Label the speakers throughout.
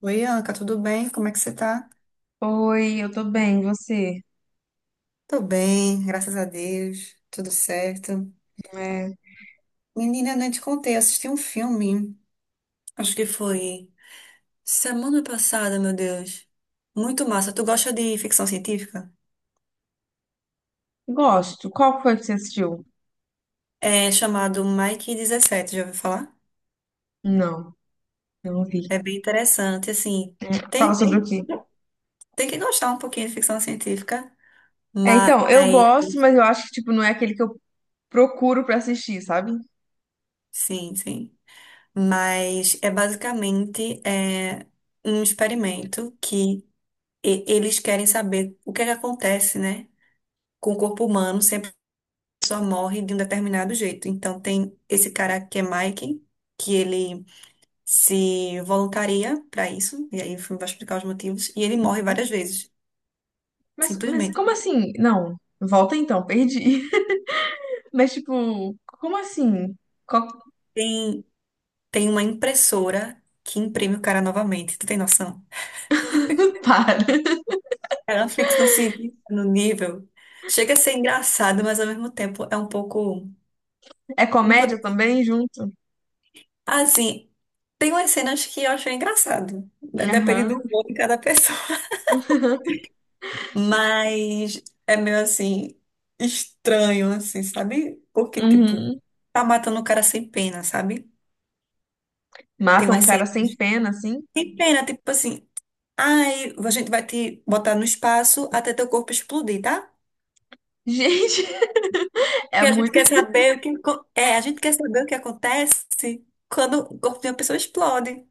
Speaker 1: Oi, Anca, tudo bem? Como é que você tá?
Speaker 2: Oi, eu tô bem, e você?
Speaker 1: Tô bem, graças a Deus, tudo certo.
Speaker 2: É,
Speaker 1: Menina, eu nem te contei, eu assisti um filme, acho que foi semana passada, meu Deus. Muito massa. Tu gosta de ficção científica?
Speaker 2: gosto. Qual foi que você assistiu?
Speaker 1: É chamado Mike 17. Já ouviu falar?
Speaker 2: Não, não vi.
Speaker 1: É bem interessante, assim.
Speaker 2: Fala
Speaker 1: Tem,
Speaker 2: sobre o quê?
Speaker 1: tem que gostar um pouquinho de ficção científica,
Speaker 2: É,
Speaker 1: mas
Speaker 2: então, eu gosto, mas eu acho que, tipo, não é aquele que eu procuro pra assistir, sabe?
Speaker 1: sim, sim. Mas é basicamente um experimento que eles querem saber o que é que acontece, né? Com o corpo humano, sempre a pessoa morre de um determinado jeito. Então, tem esse cara que é Mike, que ele se voluntaria para isso, e aí o filme vai explicar os motivos, e ele morre várias vezes,
Speaker 2: Mas
Speaker 1: simplesmente.
Speaker 2: como assim? Não, volta então, perdi. Mas, tipo, como assim? Qual que
Speaker 1: Tem, tem uma impressora que imprime o cara novamente, tu tem noção?
Speaker 2: para?
Speaker 1: É uma ficção científica no nível. Chega a ser engraçado, mas ao mesmo tempo é um pouco.
Speaker 2: É
Speaker 1: Não vou
Speaker 2: comédia também, junto?
Speaker 1: Assim, tem umas cenas que eu acho engraçado, né? Depende do
Speaker 2: Aham,
Speaker 1: humor de cada pessoa. Mas é meio assim, estranho, assim, sabe? Porque, tipo,
Speaker 2: uhum.
Speaker 1: tá matando o cara sem pena, sabe? Tem
Speaker 2: Matam um
Speaker 1: umas cenas
Speaker 2: cara sem pena, assim?
Speaker 1: sem pena, tipo assim, ai, a gente vai te botar no espaço até teu corpo explodir, tá?
Speaker 2: Gente, é
Speaker 1: Porque
Speaker 2: muito.
Speaker 1: a gente quer saber o que acontece quando o corpo de uma pessoa explode.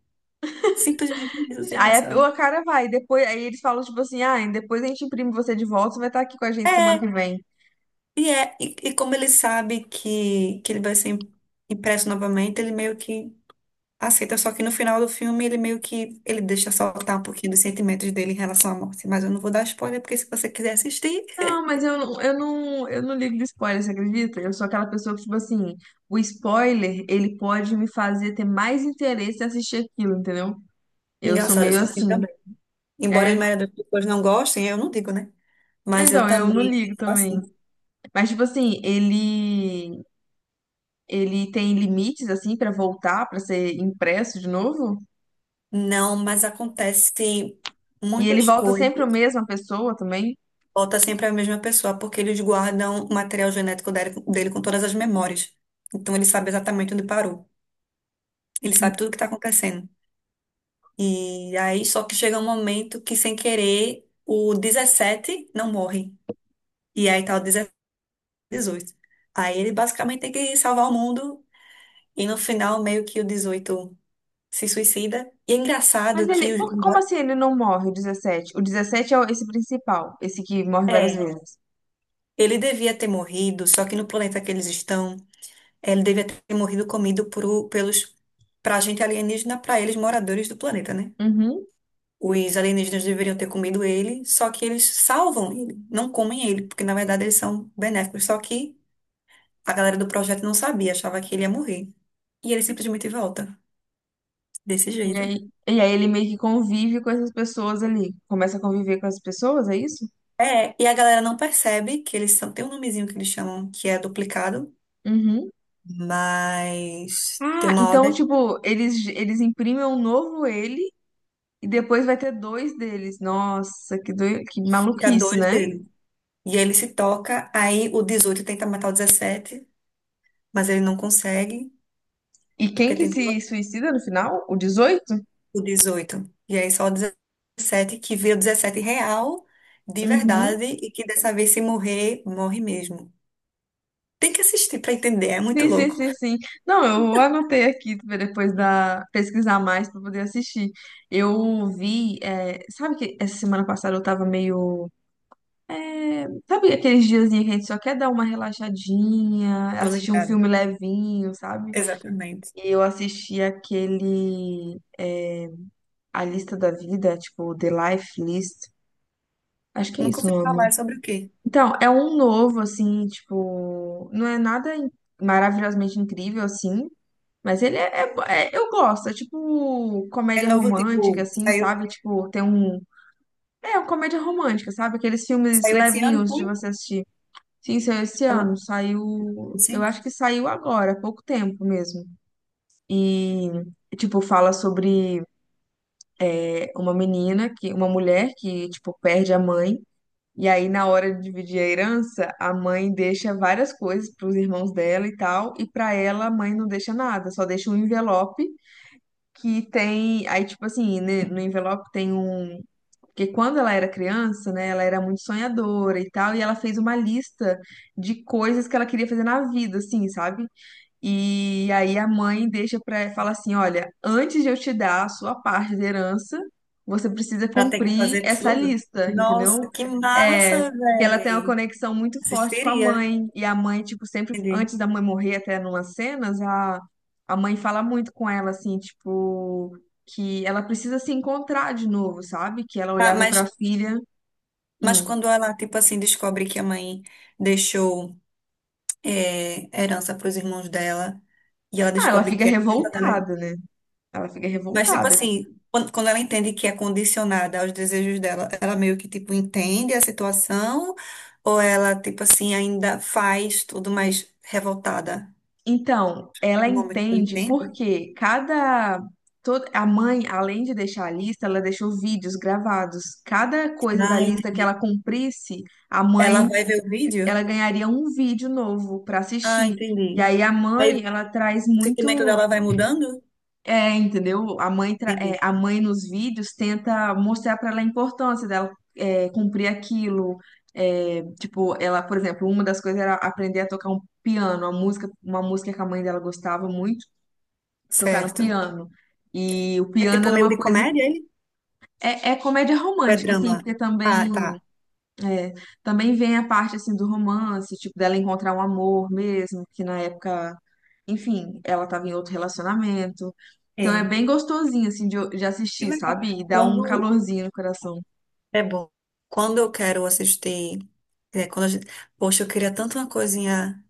Speaker 1: Simplesmente isso, sem
Speaker 2: Aí a,
Speaker 1: noção.
Speaker 2: a cara vai, depois aí eles falam tipo assim, ah, depois a gente imprime você de volta, você vai estar aqui com a gente semana que
Speaker 1: É,
Speaker 2: vem.
Speaker 1: e como ele sabe que ele vai ser impresso novamente, ele meio que aceita, só que no final do filme ele meio que ele deixa soltar um pouquinho dos sentimentos dele em relação à morte. Mas eu não vou dar spoiler, porque se você quiser assistir.
Speaker 2: Não, mas eu não ligo de spoiler, você acredita? Eu sou aquela pessoa que, tipo assim, o spoiler, ele pode me fazer ter mais interesse em assistir aquilo, entendeu? Eu sou
Speaker 1: Engraçado, eu
Speaker 2: meio
Speaker 1: sou assim
Speaker 2: assim.
Speaker 1: também. Embora as
Speaker 2: É,
Speaker 1: maioria das pessoas não gostem, eu não digo, né?
Speaker 2: é,
Speaker 1: Mas eu
Speaker 2: então, eu não
Speaker 1: também
Speaker 2: ligo
Speaker 1: sou
Speaker 2: também.
Speaker 1: assim.
Speaker 2: Mas, tipo assim, ele tem limites, assim, pra voltar, pra ser impresso de novo?
Speaker 1: Não, mas acontece
Speaker 2: E ele
Speaker 1: muitas
Speaker 2: volta sempre a
Speaker 1: coisas.
Speaker 2: mesma pessoa também?
Speaker 1: Volta sempre a mesma pessoa, porque eles guardam o material genético dele com todas as memórias. Então ele sabe exatamente onde parou. Ele sabe tudo o que está acontecendo. E aí, só que chega um momento que, sem querer, o 17 não morre. E aí tá o 18. Aí ele basicamente tem que salvar o mundo. E no final, meio que o 18 se suicida. E é
Speaker 2: Mas
Speaker 1: engraçado que.
Speaker 2: ele, como assim ele não morre, o 17? O 17 é esse principal, esse que morre várias, é,
Speaker 1: É,
Speaker 2: vezes.
Speaker 1: ele devia ter morrido, só que no planeta que eles estão, ele devia ter morrido comido por, pelos. Pra gente alienígena, pra eles moradores do planeta, né?
Speaker 2: Uhum.
Speaker 1: Os alienígenas deveriam ter comido ele, só que eles salvam ele, não comem ele, porque na verdade eles são benéficos. Só que a galera do projeto não sabia, achava que ele ia morrer. E ele simplesmente volta, desse
Speaker 2: E
Speaker 1: jeito.
Speaker 2: aí, e aí ele meio que convive com essas pessoas ali. Começa a conviver com as pessoas, é isso?
Speaker 1: É, e a galera não percebe que eles são. Tem um nomezinho que eles chamam que é duplicado,
Speaker 2: Uhum.
Speaker 1: mas tem
Speaker 2: Ah,
Speaker 1: uma
Speaker 2: então,
Speaker 1: hora que
Speaker 2: tipo, eles imprimem um novo ele e depois vai ter dois deles. Nossa, que
Speaker 1: fica
Speaker 2: maluquice,
Speaker 1: dois
Speaker 2: né?
Speaker 1: dele. E ele se toca, aí o 18 tenta matar o 17, mas ele não consegue,
Speaker 2: E quem
Speaker 1: porque
Speaker 2: que
Speaker 1: tem.
Speaker 2: se suicida no final? O dezoito.
Speaker 1: O 18 E aí só o 17, que vira 17 real, de
Speaker 2: Uhum.
Speaker 1: verdade, e que dessa vez se morrer, morre mesmo. Tem que assistir pra entender, é muito
Speaker 2: Sim, sim,
Speaker 1: louco.
Speaker 2: sim, sim. Não, eu anotei aqui pra depois da pesquisar mais para poder assistir. Eu vi, é, sabe que essa semana passada eu tava meio, é, sabe aqueles diazinhos que a gente só quer dar uma relaxadinha,
Speaker 1: Tô
Speaker 2: assistir um
Speaker 1: ligada.
Speaker 2: filme levinho, sabe?
Speaker 1: Exatamente.
Speaker 2: E eu assisti aquele, é, A Lista da Vida, tipo The Life List. Acho que é
Speaker 1: Nunca
Speaker 2: isso o
Speaker 1: ouvi
Speaker 2: nome.
Speaker 1: falar sobre o quê?
Speaker 2: Então, é um novo assim, tipo, não é nada maravilhosamente incrível assim. Mas ele é, eu gosto, é tipo
Speaker 1: É
Speaker 2: comédia
Speaker 1: novo,
Speaker 2: romântica,
Speaker 1: tipo,
Speaker 2: assim,
Speaker 1: saiu,
Speaker 2: sabe? Tipo, tem um. É, uma comédia romântica, sabe? Aqueles filmes
Speaker 1: saiu esse ano,
Speaker 2: levinhos
Speaker 1: foi?
Speaker 2: de você assistir. Sim, saiu esse
Speaker 1: Ela-
Speaker 2: ano, saiu. Eu
Speaker 1: Cinco?
Speaker 2: acho que saiu agora, há pouco tempo mesmo. E, tipo, fala sobre, é, uma menina, que, uma mulher que, tipo, perde a mãe. E aí, na hora de dividir a herança, a mãe deixa várias coisas para os irmãos dela e tal, e para ela, a mãe não deixa nada, só deixa um envelope que tem. Aí, tipo assim, no envelope tem um. Porque quando ela era criança, né, ela era muito sonhadora e tal, e ela fez uma lista de coisas que ela queria fazer na vida, assim, sabe? E aí a mãe deixa para fala assim, olha, antes de eu te dar a sua parte da herança, você precisa
Speaker 1: Pra ter que
Speaker 2: cumprir
Speaker 1: fazer
Speaker 2: essa
Speaker 1: tudo?
Speaker 2: lista, entendeu?
Speaker 1: Nossa, que
Speaker 2: É,
Speaker 1: massa,
Speaker 2: que ela tem uma
Speaker 1: véi.
Speaker 2: conexão muito forte com a
Speaker 1: Assistiria.
Speaker 2: mãe, e a mãe tipo sempre
Speaker 1: Entendi.
Speaker 2: antes da mãe morrer até numas cenas, a mãe fala muito com ela assim, tipo que ela precisa se encontrar de novo, sabe? Que ela
Speaker 1: Tá,
Speaker 2: olhava para a filha,
Speaker 1: mas
Speaker 2: hum.
Speaker 1: quando ela, tipo assim, descobre que a mãe deixou herança para os irmãos dela e ela
Speaker 2: Ah, ela
Speaker 1: descobre
Speaker 2: fica
Speaker 1: que é herança dela.
Speaker 2: revoltada, né? Ela fica
Speaker 1: Mas, tipo
Speaker 2: revoltada.
Speaker 1: assim, quando, quando ela entende que é condicionada aos desejos dela, ela meio que, tipo, entende a situação ou ela, tipo assim, ainda faz tudo mais revoltada?
Speaker 2: Então, ela
Speaker 1: No momento que ela
Speaker 2: entende
Speaker 1: entende?
Speaker 2: porque cada toda a mãe, além de deixar a lista, ela deixou vídeos gravados. Cada coisa da
Speaker 1: Ah,
Speaker 2: lista que ela
Speaker 1: entendi.
Speaker 2: cumprisse, a
Speaker 1: Ela
Speaker 2: mãe,
Speaker 1: vai ver o
Speaker 2: ela
Speaker 1: vídeo?
Speaker 2: ganharia um vídeo novo para
Speaker 1: Ah,
Speaker 2: assistir. E
Speaker 1: entendi.
Speaker 2: aí a
Speaker 1: Aí o
Speaker 2: mãe, ela traz
Speaker 1: sentimento
Speaker 2: muito,
Speaker 1: dela vai mudando?
Speaker 2: é, entendeu? A mãe, tra- é,
Speaker 1: Entendi.
Speaker 2: a mãe nos vídeos tenta mostrar para ela a importância dela, é, cumprir aquilo. É, tipo, ela, por exemplo, uma das coisas era aprender a tocar um piano, uma música, que a mãe dela gostava muito tocar no
Speaker 1: Certo.
Speaker 2: piano. E o
Speaker 1: É
Speaker 2: piano
Speaker 1: tipo
Speaker 2: era
Speaker 1: meio
Speaker 2: uma
Speaker 1: de
Speaker 2: coisa.
Speaker 1: comédia, ele?
Speaker 2: É, comédia
Speaker 1: Ou é
Speaker 2: romântica, assim,
Speaker 1: drama?
Speaker 2: porque também,
Speaker 1: Ah, tá.
Speaker 2: é, também vem a parte assim, do romance, tipo, dela encontrar um amor mesmo, que na época, enfim, ela estava em outro relacionamento. Então é
Speaker 1: É.
Speaker 2: bem gostosinho, assim, de
Speaker 1: Que
Speaker 2: assistir,
Speaker 1: legal.
Speaker 2: sabe? E dá um
Speaker 1: Quando
Speaker 2: calorzinho no coração.
Speaker 1: É bom. Quando eu quero assistir, quando a gente, poxa, eu queria tanto uma coisinha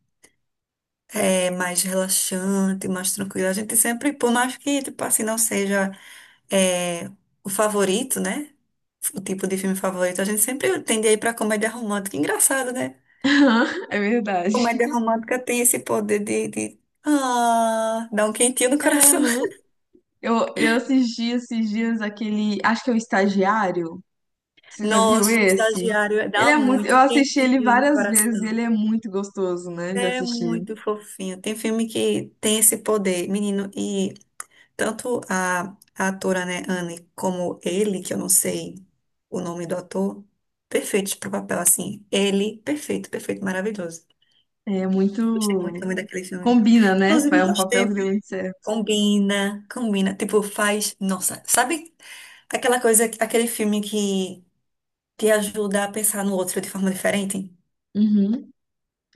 Speaker 1: mais relaxante, mais tranquila. A gente sempre, por mais que, tipo assim, não seja é, o favorito, né? O tipo de filme favorito, a gente sempre tende a ir pra comédia romântica. Engraçado, né?
Speaker 2: É verdade.
Speaker 1: Comédia romântica tem esse poder de ah, dar um quentinho no
Speaker 2: É,
Speaker 1: coração.
Speaker 2: né? Eu assisti esses dias aquele. Acho que é o Estagiário. Você já viu
Speaker 1: Nossa, o
Speaker 2: esse?
Speaker 1: estagiário
Speaker 2: Ele
Speaker 1: dá
Speaker 2: é muito. Eu
Speaker 1: muito
Speaker 2: assisti ele
Speaker 1: quentinho no
Speaker 2: várias vezes e
Speaker 1: coração.
Speaker 2: ele é muito gostoso, né? De
Speaker 1: É
Speaker 2: assistir.
Speaker 1: muito fofinho. Tem filme que tem esse poder, menino, e tanto a atora, né, Anne, como ele, que eu não sei o nome do ator, perfeitos pro papel, assim. Ele, perfeito, perfeito, maravilhoso.
Speaker 2: É muito.
Speaker 1: Gostei muito também daquele filme.
Speaker 2: Combina, né?
Speaker 1: Inclusive,
Speaker 2: É um
Speaker 1: faz
Speaker 2: papel que
Speaker 1: tempo.
Speaker 2: deu muito certo.
Speaker 1: Combina, combina. Tipo, faz. Nossa, sabe aquela coisa, aquele filme que te ajuda a pensar no outro de forma diferente?
Speaker 2: Uhum.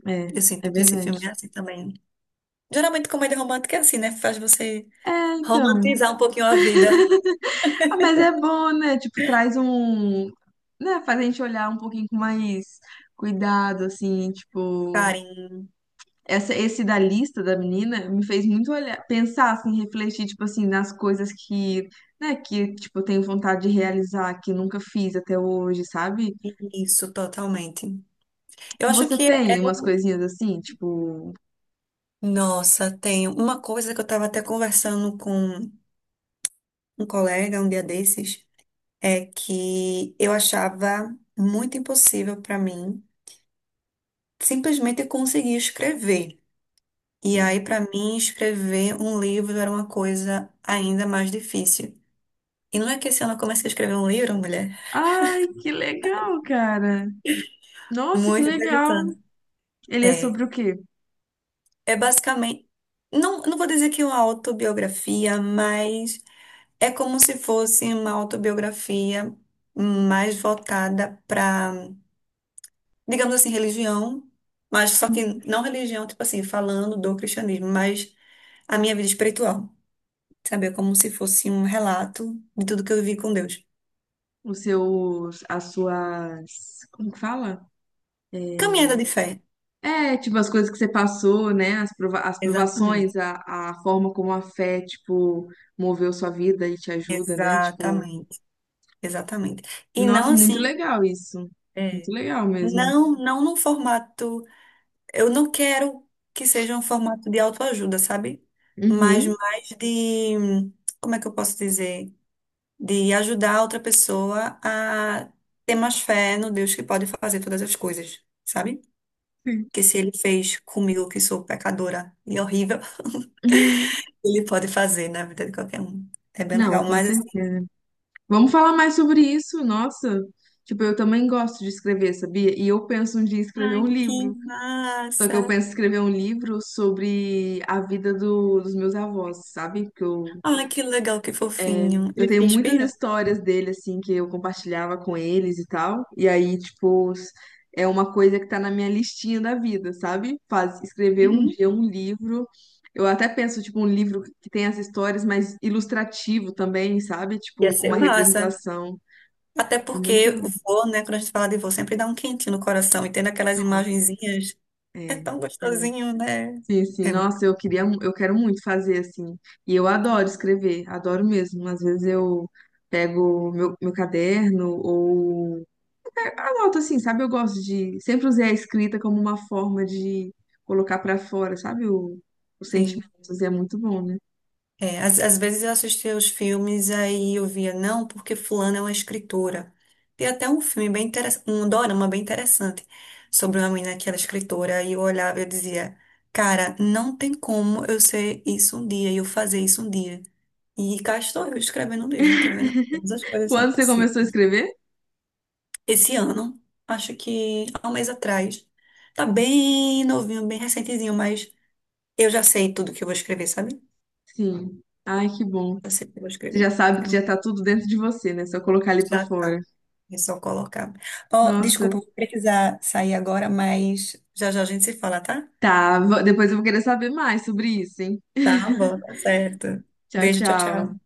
Speaker 2: É,
Speaker 1: Eu
Speaker 2: é
Speaker 1: sinto que esse
Speaker 2: verdade.
Speaker 1: filme é assim também. Geralmente, comédia romântica é assim, né? Faz você.
Speaker 2: É, então.
Speaker 1: Romantizar um pouquinho a vida,
Speaker 2: Ah, mas é bom, né? Tipo, traz um. Né? Faz a gente olhar um pouquinho com mais cuidado, assim, tipo.
Speaker 1: carinho.
Speaker 2: Esse da lista da menina me fez muito olhar, pensar, assim, refletir, tipo assim, nas coisas que, né, que, tipo, eu tenho vontade de realizar, que nunca fiz até hoje, sabe?
Speaker 1: Isso, totalmente. Eu acho
Speaker 2: Você
Speaker 1: que é
Speaker 2: tem umas
Speaker 1: o.
Speaker 2: coisinhas assim, tipo,
Speaker 1: Nossa, tem uma coisa que eu estava até conversando com um colega um dia desses, é que eu achava muito impossível para mim simplesmente conseguir escrever. E aí, para mim, escrever um livro era uma coisa ainda mais difícil. E não é que esse ano eu comecei a escrever um livro, mulher?
Speaker 2: ai, que legal, cara. Nossa, que
Speaker 1: Muito
Speaker 2: legal.
Speaker 1: interessante.
Speaker 2: Ele é
Speaker 1: É,
Speaker 2: sobre o quê?
Speaker 1: É basicamente, não, não vou dizer que é uma autobiografia, mas é como se fosse uma autobiografia mais voltada para, digamos assim, religião, mas só que não religião, tipo assim, falando do cristianismo, mas a minha vida espiritual, sabe? É como se fosse um relato de tudo que eu vivi com Deus.
Speaker 2: Os seus, as suas, como que fala? É,
Speaker 1: Caminhada de fé.
Speaker 2: É, tipo, as coisas que você passou, né? Prova as provações,
Speaker 1: Exatamente.
Speaker 2: a forma como a fé, tipo, moveu sua vida e te ajuda, né? Tipo,
Speaker 1: Exatamente, exatamente. E não
Speaker 2: nossa,
Speaker 1: assim,
Speaker 2: muito legal isso. Muito
Speaker 1: é,
Speaker 2: legal mesmo.
Speaker 1: não, não num formato. Eu não quero que seja um formato de autoajuda, sabe? Mas
Speaker 2: Uhum.
Speaker 1: mais de, como é que eu posso dizer? De ajudar a outra pessoa a ter mais fé no Deus que pode fazer todas as coisas, sabe? Que se ele fez comigo, que sou pecadora e horrível,
Speaker 2: Sim.
Speaker 1: ele pode fazer na vida de qualquer um. É bem legal,
Speaker 2: Não, com
Speaker 1: mas assim,
Speaker 2: certeza. Vamos falar mais sobre isso, nossa. Tipo, eu também gosto de escrever, sabia? E eu penso um dia em escrever
Speaker 1: ai,
Speaker 2: um
Speaker 1: que
Speaker 2: livro. Só que eu
Speaker 1: massa!
Speaker 2: penso em escrever um livro sobre a vida dos meus avós, sabe? Que eu.
Speaker 1: Ai, que legal, que fofinho.
Speaker 2: Eu
Speaker 1: Ele
Speaker 2: tenho
Speaker 1: se
Speaker 2: muitas
Speaker 1: inspirou?
Speaker 2: histórias dele, assim, que eu compartilhava com eles e tal. E aí, tipo, é uma coisa que tá na minha listinha da vida, sabe? Escrever um
Speaker 1: Uhum.
Speaker 2: dia um livro. Eu até penso, tipo, um livro que tem as histórias, mas ilustrativo também, sabe?
Speaker 1: Ia
Speaker 2: Tipo, com
Speaker 1: ser
Speaker 2: uma
Speaker 1: massa.
Speaker 2: representação.
Speaker 1: Até
Speaker 2: É
Speaker 1: porque
Speaker 2: muito.
Speaker 1: vô, né? Quando a gente fala de vô, sempre dá um quentinho no coração. E tendo aquelas
Speaker 2: Nossa,
Speaker 1: imagenzinhas, é
Speaker 2: é.
Speaker 1: tão
Speaker 2: É,
Speaker 1: gostosinho, né?
Speaker 2: sim, sim.
Speaker 1: É muito
Speaker 2: Nossa, eu quero muito fazer assim. E eu adoro escrever, adoro mesmo. Às vezes eu pego meu caderno ou anoto assim, sabe? Eu gosto de. Sempre usei a escrita como uma forma de colocar pra fora, sabe? Os
Speaker 1: sim.
Speaker 2: sentimentos. E é muito bom, né?
Speaker 1: É, às, às vezes eu assistia os filmes, aí eu via, não, porque fulana é uma escritora. Tem até um filme bem interessante, um dorama bem interessante, sobre uma menina que era escritora, e eu olhava e eu dizia, cara, não tem como eu ser isso um dia, e eu fazer isso um dia. E cá estou eu escrevendo um livro, tá vendo? Todas as coisas são
Speaker 2: Quando você começou a
Speaker 1: possíveis.
Speaker 2: escrever?
Speaker 1: Esse ano, acho que há um mês atrás. Tá bem novinho, bem recentezinho, mas eu já sei tudo que eu vou escrever, sabe?
Speaker 2: Sim. Ai, que bom.
Speaker 1: Eu sei o que eu vou
Speaker 2: Você
Speaker 1: escrever.
Speaker 2: já sabe
Speaker 1: É
Speaker 2: que
Speaker 1: bom.
Speaker 2: já tá tudo dentro de você, né? Só colocar ali pra
Speaker 1: Já
Speaker 2: fora.
Speaker 1: tá. É só colocar. Ó,
Speaker 2: Nossa.
Speaker 1: desculpa, vou precisar sair agora, mas já já a gente se fala, tá?
Speaker 2: Tá. Depois eu vou querer saber mais sobre isso, hein?
Speaker 1: Tá bom, tá certo.
Speaker 2: Tchau,
Speaker 1: Beijo, tchau,
Speaker 2: tchau.
Speaker 1: tchau.